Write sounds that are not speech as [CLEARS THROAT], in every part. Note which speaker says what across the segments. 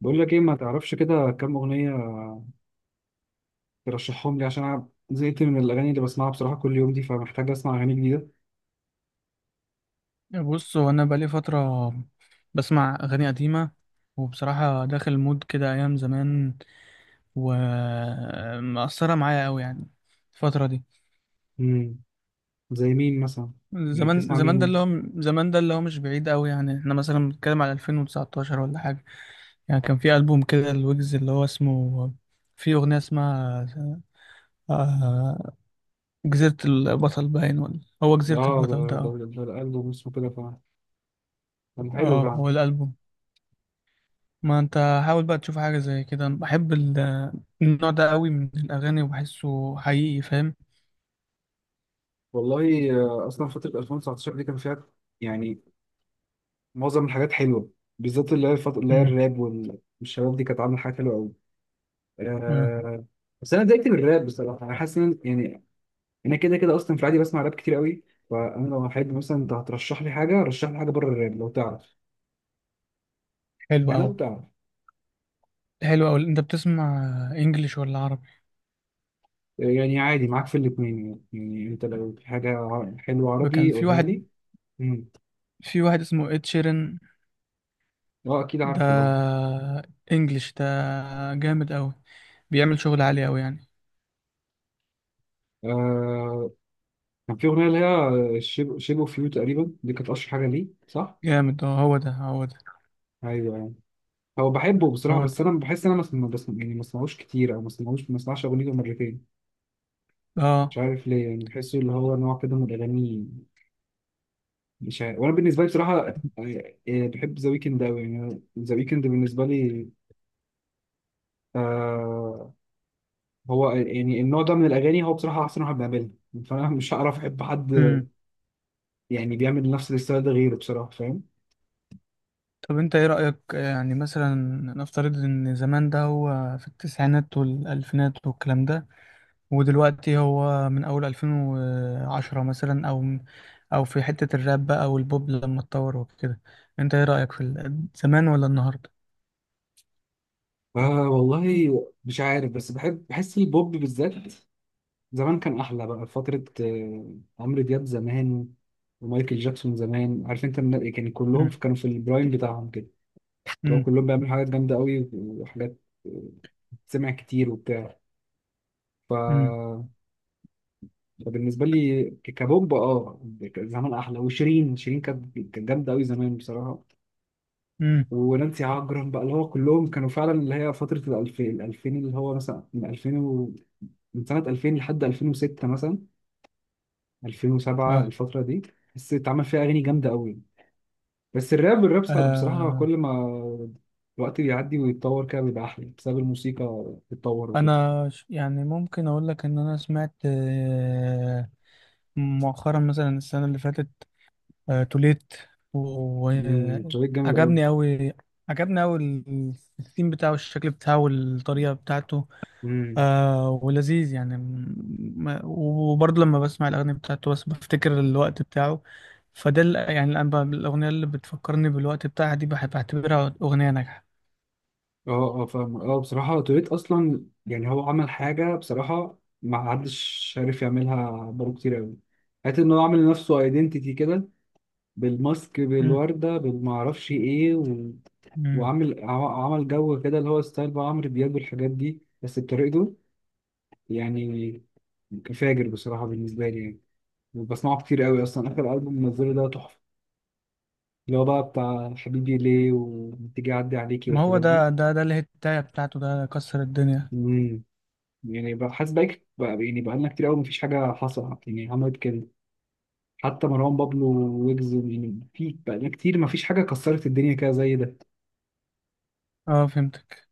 Speaker 1: بقول لك ايه، ما تعرفش كده كام اغنيه ترشحهم لي؟ عشان انا زهقت من الاغاني اللي بسمعها بصراحه كل يوم دي، فمحتاج اسمع اغاني جديده.
Speaker 2: بص هو انا بقالي فتره بسمع اغاني قديمه، وبصراحه داخل مود كده ايام زمان، ومأثره معايا قوي يعني الفتره دي.
Speaker 1: امم زي مين مثلا؟ يعني
Speaker 2: زمان
Speaker 1: بتسمع
Speaker 2: زمان
Speaker 1: مين
Speaker 2: ده اللي
Speaker 1: انت؟
Speaker 2: هو زمان ده اللي هو مش بعيد قوي، يعني احنا مثلا بنتكلم على 2019 ولا حاجه. يعني كان في ألبوم كده الويجز اللي هو اسمه، في اغنيه اسمها، آه، جزيره البطل، باين، ولا هو جزيره
Speaker 1: اه ده
Speaker 2: البطل ده. اه.
Speaker 1: ده الالبوم اسمه كده فعلا. كان حلو
Speaker 2: اه،
Speaker 1: فعلا.
Speaker 2: هو الألبوم. ما انت حاول بقى تشوف حاجة زي كده، انا بحب النوع ده قوي من الأغاني وبحسه حقيقي، فاهم.
Speaker 1: والله اصلا فتره 2019 دي كان فيها، يعني، معظم الحاجات حلوه، بالذات اللي هي الفتره اللي هي
Speaker 2: امم
Speaker 1: الراب والشباب دي، كانت عامله حاجات حلوه قوي.
Speaker 2: اه،
Speaker 1: آه. بس انا اتضايقت من الراب بصراحه، انا حاسس ان، يعني، انا كده كده اصلا في العادي بسمع راب كتير قوي. فانا لو حد مثلا، انت هترشح لي حاجه، رشح لي حاجه بره الراب لو تعرف.
Speaker 2: حلو
Speaker 1: يعني لو
Speaker 2: أوي.
Speaker 1: تعرف.
Speaker 2: حلو أوي، انت بتسمع انجليش ولا عربي؟
Speaker 1: يعني عادي معاك في الاثنين، يعني انت لو في حاجه حلوه
Speaker 2: وكان
Speaker 1: عربي
Speaker 2: في
Speaker 1: قولها
Speaker 2: واحد
Speaker 1: لي. امم.
Speaker 2: في واحد اسمه اد شيرن.
Speaker 1: اه اكيد
Speaker 2: ده
Speaker 1: عارفه اه.
Speaker 2: انجليش ده، جامد أوي، بيعمل شغل عالي أوي يعني.
Speaker 1: آه، كان في اغنيه اللي هي شيب شيب اوف يو تقريبا، دي كانت اشهر حاجه ليه صح؟
Speaker 2: جامد، اه هو ده هو ده.
Speaker 1: ايوه يعني. هو
Speaker 2: مم.
Speaker 1: بحبه بصراحه،
Speaker 2: هو
Speaker 1: بس
Speaker 2: ده.
Speaker 1: انا بحس ان انا ما بسمع، يعني ما بسمعوش كتير، او ما بسمعوش، ما بسمعش اغنيته مرتين.
Speaker 2: اه.
Speaker 1: مش عارف ليه، يعني بحسه اللي هو نوع كده من الاغاني. مش عارف. وانا بالنسبه لي بصراحه يعني، بحب ذا ويكند قوي. يعني ذا ويكند بالنسبه لي، آه، هو يعني النوع ده من الاغاني، هو بصراحه احسن واحد بيعملها. فانا مش هعرف احب حد
Speaker 2: امم
Speaker 1: يعني بيعمل نفس الستايل ده غيره بصراحه، فاهم.
Speaker 2: طب انت ايه رأيك، يعني مثلا نفترض ان زمان ده هو في التسعينات والألفينات والكلام ده، ودلوقتي هو من أول 2010 مثلا، أو في حتة الراب بقى أو البوب لما اتطور وكده، أنت إيه رأيك في زمان ولا النهاردة؟
Speaker 1: والله مش عارف، بس بحب، بحس البوب بالذات زمان كان احلى بقى. فتره عمرو دياب زمان، ومايكل جاكسون زمان، عارف انت كان كلهم
Speaker 2: مم.
Speaker 1: كانوا في البرايم بتاعهم كده. لو
Speaker 2: مم.
Speaker 1: كلهم بيعملوا حاجات جامده قوي وحاجات، آه، سمع كتير وبتاع.
Speaker 2: مم.
Speaker 1: ف... فبالنسبه لي كبومب اه، زمان احلى. وشيرين، شيرين كانت جامده قوي زمان بصراحه.
Speaker 2: مم.
Speaker 1: ونانسي عجرم بقى، اللي هو كلهم كانوا فعلا اللي هي فتره الألفين اللي هو مثلا من 2000 من سنه 2000 لحد 2006 مثلا، 2007،
Speaker 2: آه.
Speaker 1: الفتره دي بس اتعمل فيها اغاني جامده قوي. بس الراب، الراب صار بصراحه
Speaker 2: آه.
Speaker 1: كل ما الوقت بيعدي ويتطور كده بيبقى احلى، بسبب الموسيقى بتتطور وكده.
Speaker 2: أنا يعني ممكن أقول لك إن أنا سمعت، مؤخرا مثلا السنة اللي فاتت، توليت،
Speaker 1: امم، شريك جامد
Speaker 2: وعجبني أوي عجبني أوي الثيم بتاعه، الشكل بتاعه، والطريقة بتاعته،
Speaker 1: قوي.
Speaker 2: ولذيذ يعني، وبرضه لما بسمع الأغاني بتاعته بس بفتكر الوقت بتاعه، فده يعني الآن بقى الأغنية اللي بتفكرني بالوقت بتاعها دي بحب أعتبرها أغنية ناجحة.
Speaker 1: اه اه فاهم اه. بصراحة توريت أصلا، يعني هو عمل حاجة بصراحة ما حدش عارف يعملها بقاله كتير أوي. حتى إن هو عامل لنفسه أيدنتيتي كده، بالماسك،
Speaker 2: مم.
Speaker 1: بالوردة، بالمعرفش إيه
Speaker 2: مم.
Speaker 1: وعامل عمل جو كده اللي هو ستايل بقى عمرو دياب والحاجات دي، بس بطريقته، يعني فاجر بصراحة بالنسبة لي يعني. وبسمعه كتير أوي أصلا، آخر ألبوم منزله ده تحفة، اللي هو بقى بتاع حبيبي ليه وتيجي أعدي عليكي
Speaker 2: ما هو
Speaker 1: والحاجات
Speaker 2: ده الهتاية بتاعته ده كسر الدنيا.
Speaker 1: دي. يعني بقى حاسس بقى يعني بقالنا كتير قوي مفيش حاجة حصلت يعني عملت كده، حتى مروان بابلو، ويجز، يعني في بقالنا كتير مفيش حاجة كسرت الدنيا كده زي ده.
Speaker 2: اه فهمتك.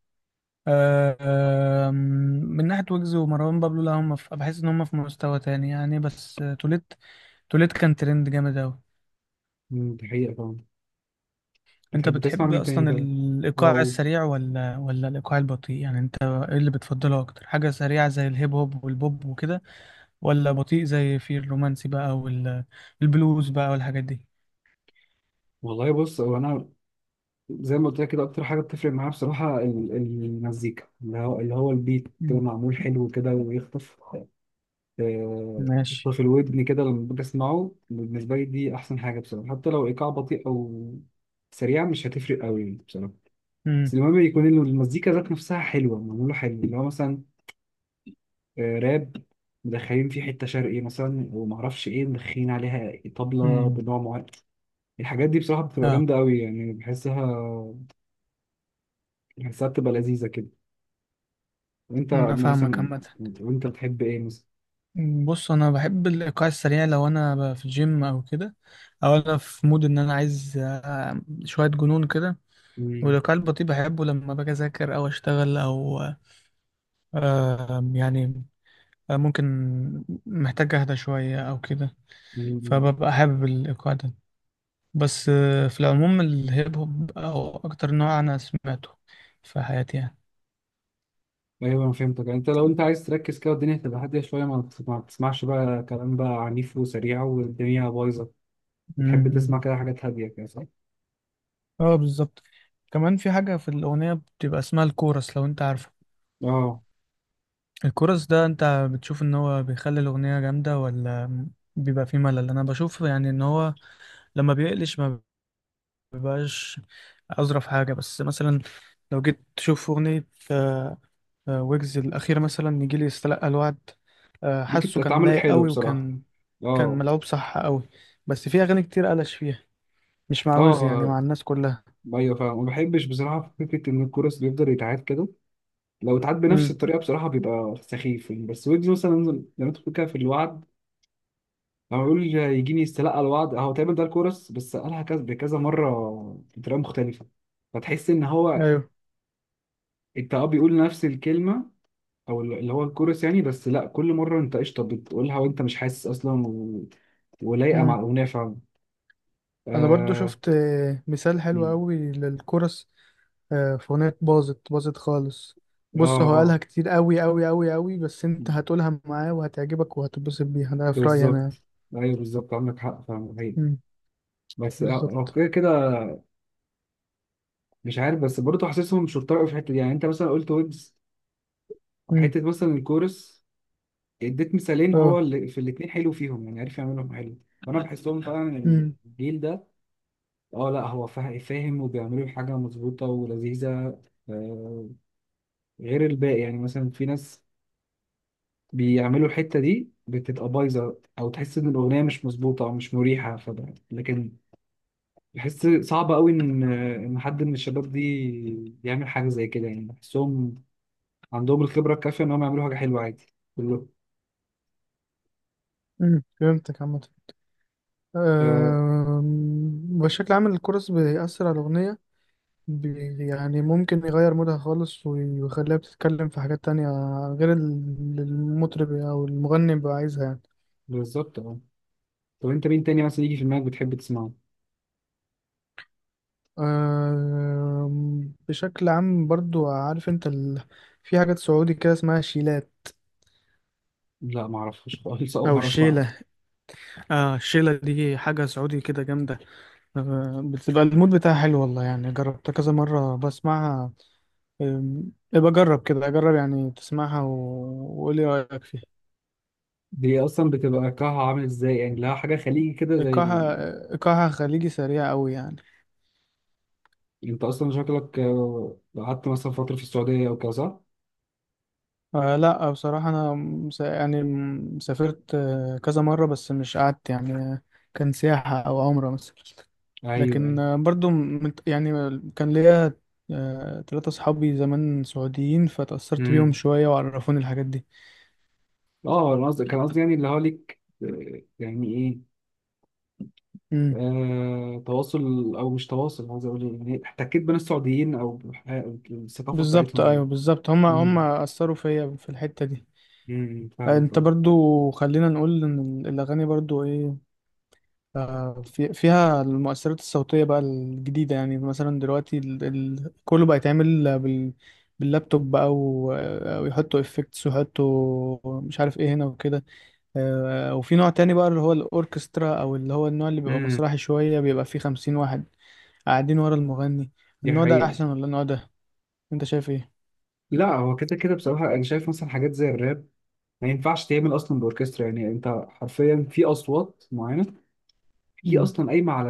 Speaker 2: آه آم، من ناحية ويجز ومروان بابلو، لا، هم في، بحس إن هم في مستوى تاني يعني، بس توليت كان ترند جامد أوي.
Speaker 1: مم، دي حقيقة طبعا.
Speaker 2: انت
Speaker 1: بتحب تسمع
Speaker 2: بتحب
Speaker 1: مين تاني
Speaker 2: اصلا
Speaker 1: كده؟
Speaker 2: الايقاع
Speaker 1: اه
Speaker 2: السريع ولا الايقاع البطيء؟ يعني انت ايه اللي بتفضله اكتر، حاجه سريعه زي الهيب هوب والبوب وكده، ولا بطيء زي في الرومانسي بقى والبلوز بقى والحاجات دي؟
Speaker 1: والله، بص هو انا زي ما قلت لك كده، اكتر حاجه بتفرق معايا بصراحه المزيكا اللي هو اللي هو البيت كده
Speaker 2: مم.
Speaker 1: معمول حلو كده ويخطف، آه،
Speaker 2: ماشي.
Speaker 1: يخطف الودن كده لما باجي اسمعه. بالنسبه لي دي احسن حاجه بصراحه، حتى لو ايقاع بطيء او سريع مش هتفرق قوي بصراحه.
Speaker 2: امم
Speaker 1: بس المهم يكون المزيكا ذات نفسها حلوة، معمولة حلو، اللي هو مثلا راب مدخلين فيه حتة شرقي مثلا، ومعرفش ايه، مدخلين عليها طبلة
Speaker 2: امم
Speaker 1: بنوع معين. الحاجات دي بصراحة بتبقى
Speaker 2: اه،
Speaker 1: جامدة قوي يعني، بحسها بتبقى لذيذة كده. وانت
Speaker 2: انا فاهمك
Speaker 1: مثلا،
Speaker 2: عامه.
Speaker 1: وانت بتحب ايه مثلا؟
Speaker 2: بص، انا بحب الايقاع السريع لو انا في الجيم او كده، او انا في مود ان انا عايز شويه جنون كده.
Speaker 1: مم.
Speaker 2: والايقاع البطيء بحبه لما باجي اذاكر او اشتغل، او يعني، ممكن محتاج اهدى شوية او كده،
Speaker 1: مم.
Speaker 2: فببقى حابب الايقاع ده. بس في العموم الهيب هوب او اكتر نوع انا سمعته في حياتي يعني.
Speaker 1: ايوه انا فهمتك، يعني انت لو انت عايز تركز كده والدنيا تبقى هادية شوية، ما بتسمعش بقى كلام بقى عنيف وسريع والدنيا بايظة، بتحب تسمع
Speaker 2: أمم.
Speaker 1: كده حاجات هادية كده صح؟
Speaker 2: اه بالظبط. كمان في حاجة في الأغنية بتبقى اسمها الكورس، لو انت عارفه.
Speaker 1: اه.
Speaker 2: الكورس ده انت بتشوف ان هو بيخلي الأغنية جامدة، ولا بيبقى فيه ملل؟ انا بشوف يعني ان هو لما بيقلش ما بيبقاش أظرف حاجة. بس مثلا لو جيت تشوف أغنية، ويجز الأخير مثلا، نيجي لي يستلقى الوعد،
Speaker 1: دي كانت
Speaker 2: حاسه كان
Speaker 1: اتعملت
Speaker 2: لايق
Speaker 1: حلوه
Speaker 2: قوي،
Speaker 1: بصراحه،
Speaker 2: وكان
Speaker 1: اه.
Speaker 2: ملعوب صح قوي. بس في أغاني كتير قلش فيها، مش مع
Speaker 1: اه
Speaker 2: ويجز يعني، مع الناس كلها.
Speaker 1: ايوه فاهم. ما بحبش بصراحه فكره ان الكورس بيفضل يتعاد كده، لو اتعاد بنفس
Speaker 2: امم
Speaker 1: الطريقه بصراحه بيبقى سخيف يعني. بس ويجز مثلا زي ما انت بتقول كده في الوعد، لما يقول يجيني يستلقى الوعد، هو تقريبا ده الكورس بس قالها كذا بكذا مره بطريقه مختلفه، فتحس ان هو،
Speaker 2: أيوه.
Speaker 1: انت اه بيقول نفس الكلمه او اللي هو الكورس يعني، بس لا كل مره انت قشطه بتقولها وانت مش حاسس اصلا ولايقه مع
Speaker 2: امم
Speaker 1: الاغنيه فعلا.
Speaker 2: أنا برضو
Speaker 1: اه
Speaker 2: شفت، مثال حلو قوي للكورس، في أغنية باظت باظت خالص.
Speaker 1: اه,
Speaker 2: بص هو
Speaker 1: آه.
Speaker 2: قالها كتير قوي قوي قوي قوي، بس أنت هتقولها معاه وهتعجبك وهتتبسط بيها، ده في رأيي أنا.
Speaker 1: بالظبط. ايوه بالظبط، عندك حق فاهم حقيقي.
Speaker 2: امم
Speaker 1: بس لو
Speaker 2: بالظبط.
Speaker 1: كده كده، مش عارف، بس برضه حاسسهم شرطة قوي في الحته دي. يعني انت مثلا قلت ويبز،
Speaker 2: امم
Speaker 1: حته مثلا الكورس، اديت مثالين هو
Speaker 2: أه.
Speaker 1: اللي في الاثنين حلو فيهم، يعني عارف يعملهم حلو. فانا بحسهم [LAUGHS] فعلا إن
Speaker 2: امم
Speaker 1: الجيل ده، اه لا هو فاهم وبيعملوا حاجه مظبوطه ولذيذه، آه، غير الباقي، يعني مثلا في ناس بيعملوا الحته دي بتبقى بايظه، او تحس ان الاغنيه مش مظبوطه او مش مريحه. فده لكن، بحس صعب قوي ان حد من الشباب دي يعمل حاجه زي كده، يعني بحسهم عندهم الخبره الكافيه انهم يعملوا حاجه حلوه عادي. كله
Speaker 2: فهمتك عامة.
Speaker 1: آه
Speaker 2: بشكل عام الكورس بيأثر على الأغنية، يعني ممكن يغير مودها خالص، ويخليها بتتكلم في حاجات تانية غير المطرب أو المغني بيبقى عايزها يعني.
Speaker 1: بالظبط اه. طب انت مين تاني مثلا يجي في دماغك بتحب تسمعه؟
Speaker 2: بشكل عام برضو عارف انت في حاجات سعودي كده اسمها شيلات،
Speaker 1: لا ما اعرفش خالص، اول
Speaker 2: أو
Speaker 1: مره اسمعها.
Speaker 2: الشيلة. الشيلة دي حاجة سعودي كده جامدة، بتبقى المود بتاعها حلو والله يعني، جربتها كذا مرة بسمعها. يبقى جرب كده، جرب يعني تسمعها وقول لي رأيك فيها.
Speaker 1: دي اصلا بتبقى كها عامل ازاي يعني؟ لها حاجه خليجي كده زي
Speaker 2: إيقاعها خليجي سريع أوي يعني.
Speaker 1: انت اصلا شكلك قعدت مثلا فتره في السعوديه او كده صح؟
Speaker 2: لا، بصراحة أنا يعني سافرت كذا مرة بس مش قعدت يعني، كان سياحة أو عمرة مثلا.
Speaker 1: ايوه
Speaker 2: لكن
Speaker 1: ايوه.
Speaker 2: برضو يعني كان ليا تلاتة صحابي زمان سعوديين، فتأثرت بيهم
Speaker 1: امم.
Speaker 2: شوية وعرفوني الحاجات دي.
Speaker 1: اه انا قصدي، كان قصدي يعني اللي هو ليك يعني ايه،
Speaker 2: مم.
Speaker 1: تواصل او مش تواصل، عايز اقول إيه، يعني احتكيت بين السعوديين او الثقافه
Speaker 2: بالظبط
Speaker 1: بتاعتهم يعني.
Speaker 2: أيوه، بالظبط، هما
Speaker 1: امم.
Speaker 2: هما أثروا فيا في الحتة دي.
Speaker 1: فاهمك
Speaker 2: انت
Speaker 1: اه.
Speaker 2: برضو خلينا نقول ان الاغاني برضو ايه، فيها المؤثرات الصوتيه بقى الجديده، يعني مثلا دلوقتي كله بقى يتعمل باللابتوب بقى و... آه، ويحطوا افكتس ويحطوا مش عارف ايه هنا وكده. وفي نوع تاني بقى اللي هو الاوركسترا، او اللي هو النوع اللي بيبقى
Speaker 1: امم.
Speaker 2: مسرحي شويه، بيبقى فيه 50 واحد قاعدين ورا المغني.
Speaker 1: دي
Speaker 2: النوع ده
Speaker 1: حقيقه.
Speaker 2: احسن ولا النوع ده؟ انت شايف ايه؟
Speaker 1: لا هو كده كده بصراحه، انا شايف مثلا حاجات زي الراب ما ينفعش تعمل اصلا باوركسترا. يعني انت حرفيا في اصوات معينه هي
Speaker 2: مم.
Speaker 1: اصلا قايمه على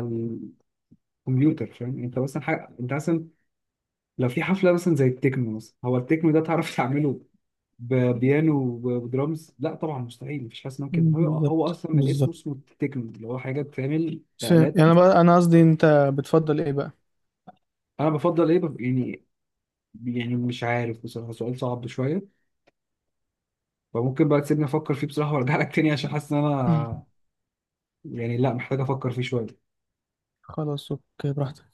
Speaker 1: الكمبيوتر، فاهم. انت مثلا حاجه، انت مثلا لو في حفله مثلا زي التكنو مثلا، هو التكنو ده تعرف [LAUGHS] تعمله ببيانو وبدرامز؟ لا طبعا مستحيل، مفيش حاجه اسمها كده. هو هو
Speaker 2: بالظبط
Speaker 1: اصلا من الاسم
Speaker 2: بالظبط.
Speaker 1: اسمه تكنو، اللي هو حاجه بتعمل
Speaker 2: يعني،
Speaker 1: آلات.
Speaker 2: أنا بقى انا قصدي انت بتفضل ايه بقى؟
Speaker 1: انا بفضل ايه، يعني، يعني مش عارف بصراحه، سؤال صعب شويه. فممكن بقى تسيبني افكر فيه بصراحه وارجع لك تاني، عشان حاسس ان انا
Speaker 2: [CLEARS THROAT]
Speaker 1: يعني، لا محتاج افكر فيه شويه.
Speaker 2: خلاص، اوكي، براحتك.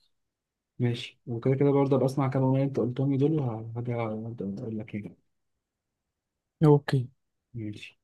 Speaker 1: ماشي، وكده كده برضه ابقى اسمع كام اغنيه انت قلتهم لي دول، وهرجع اقول لك يعني.
Speaker 2: اوكي.
Speaker 1: ماشي.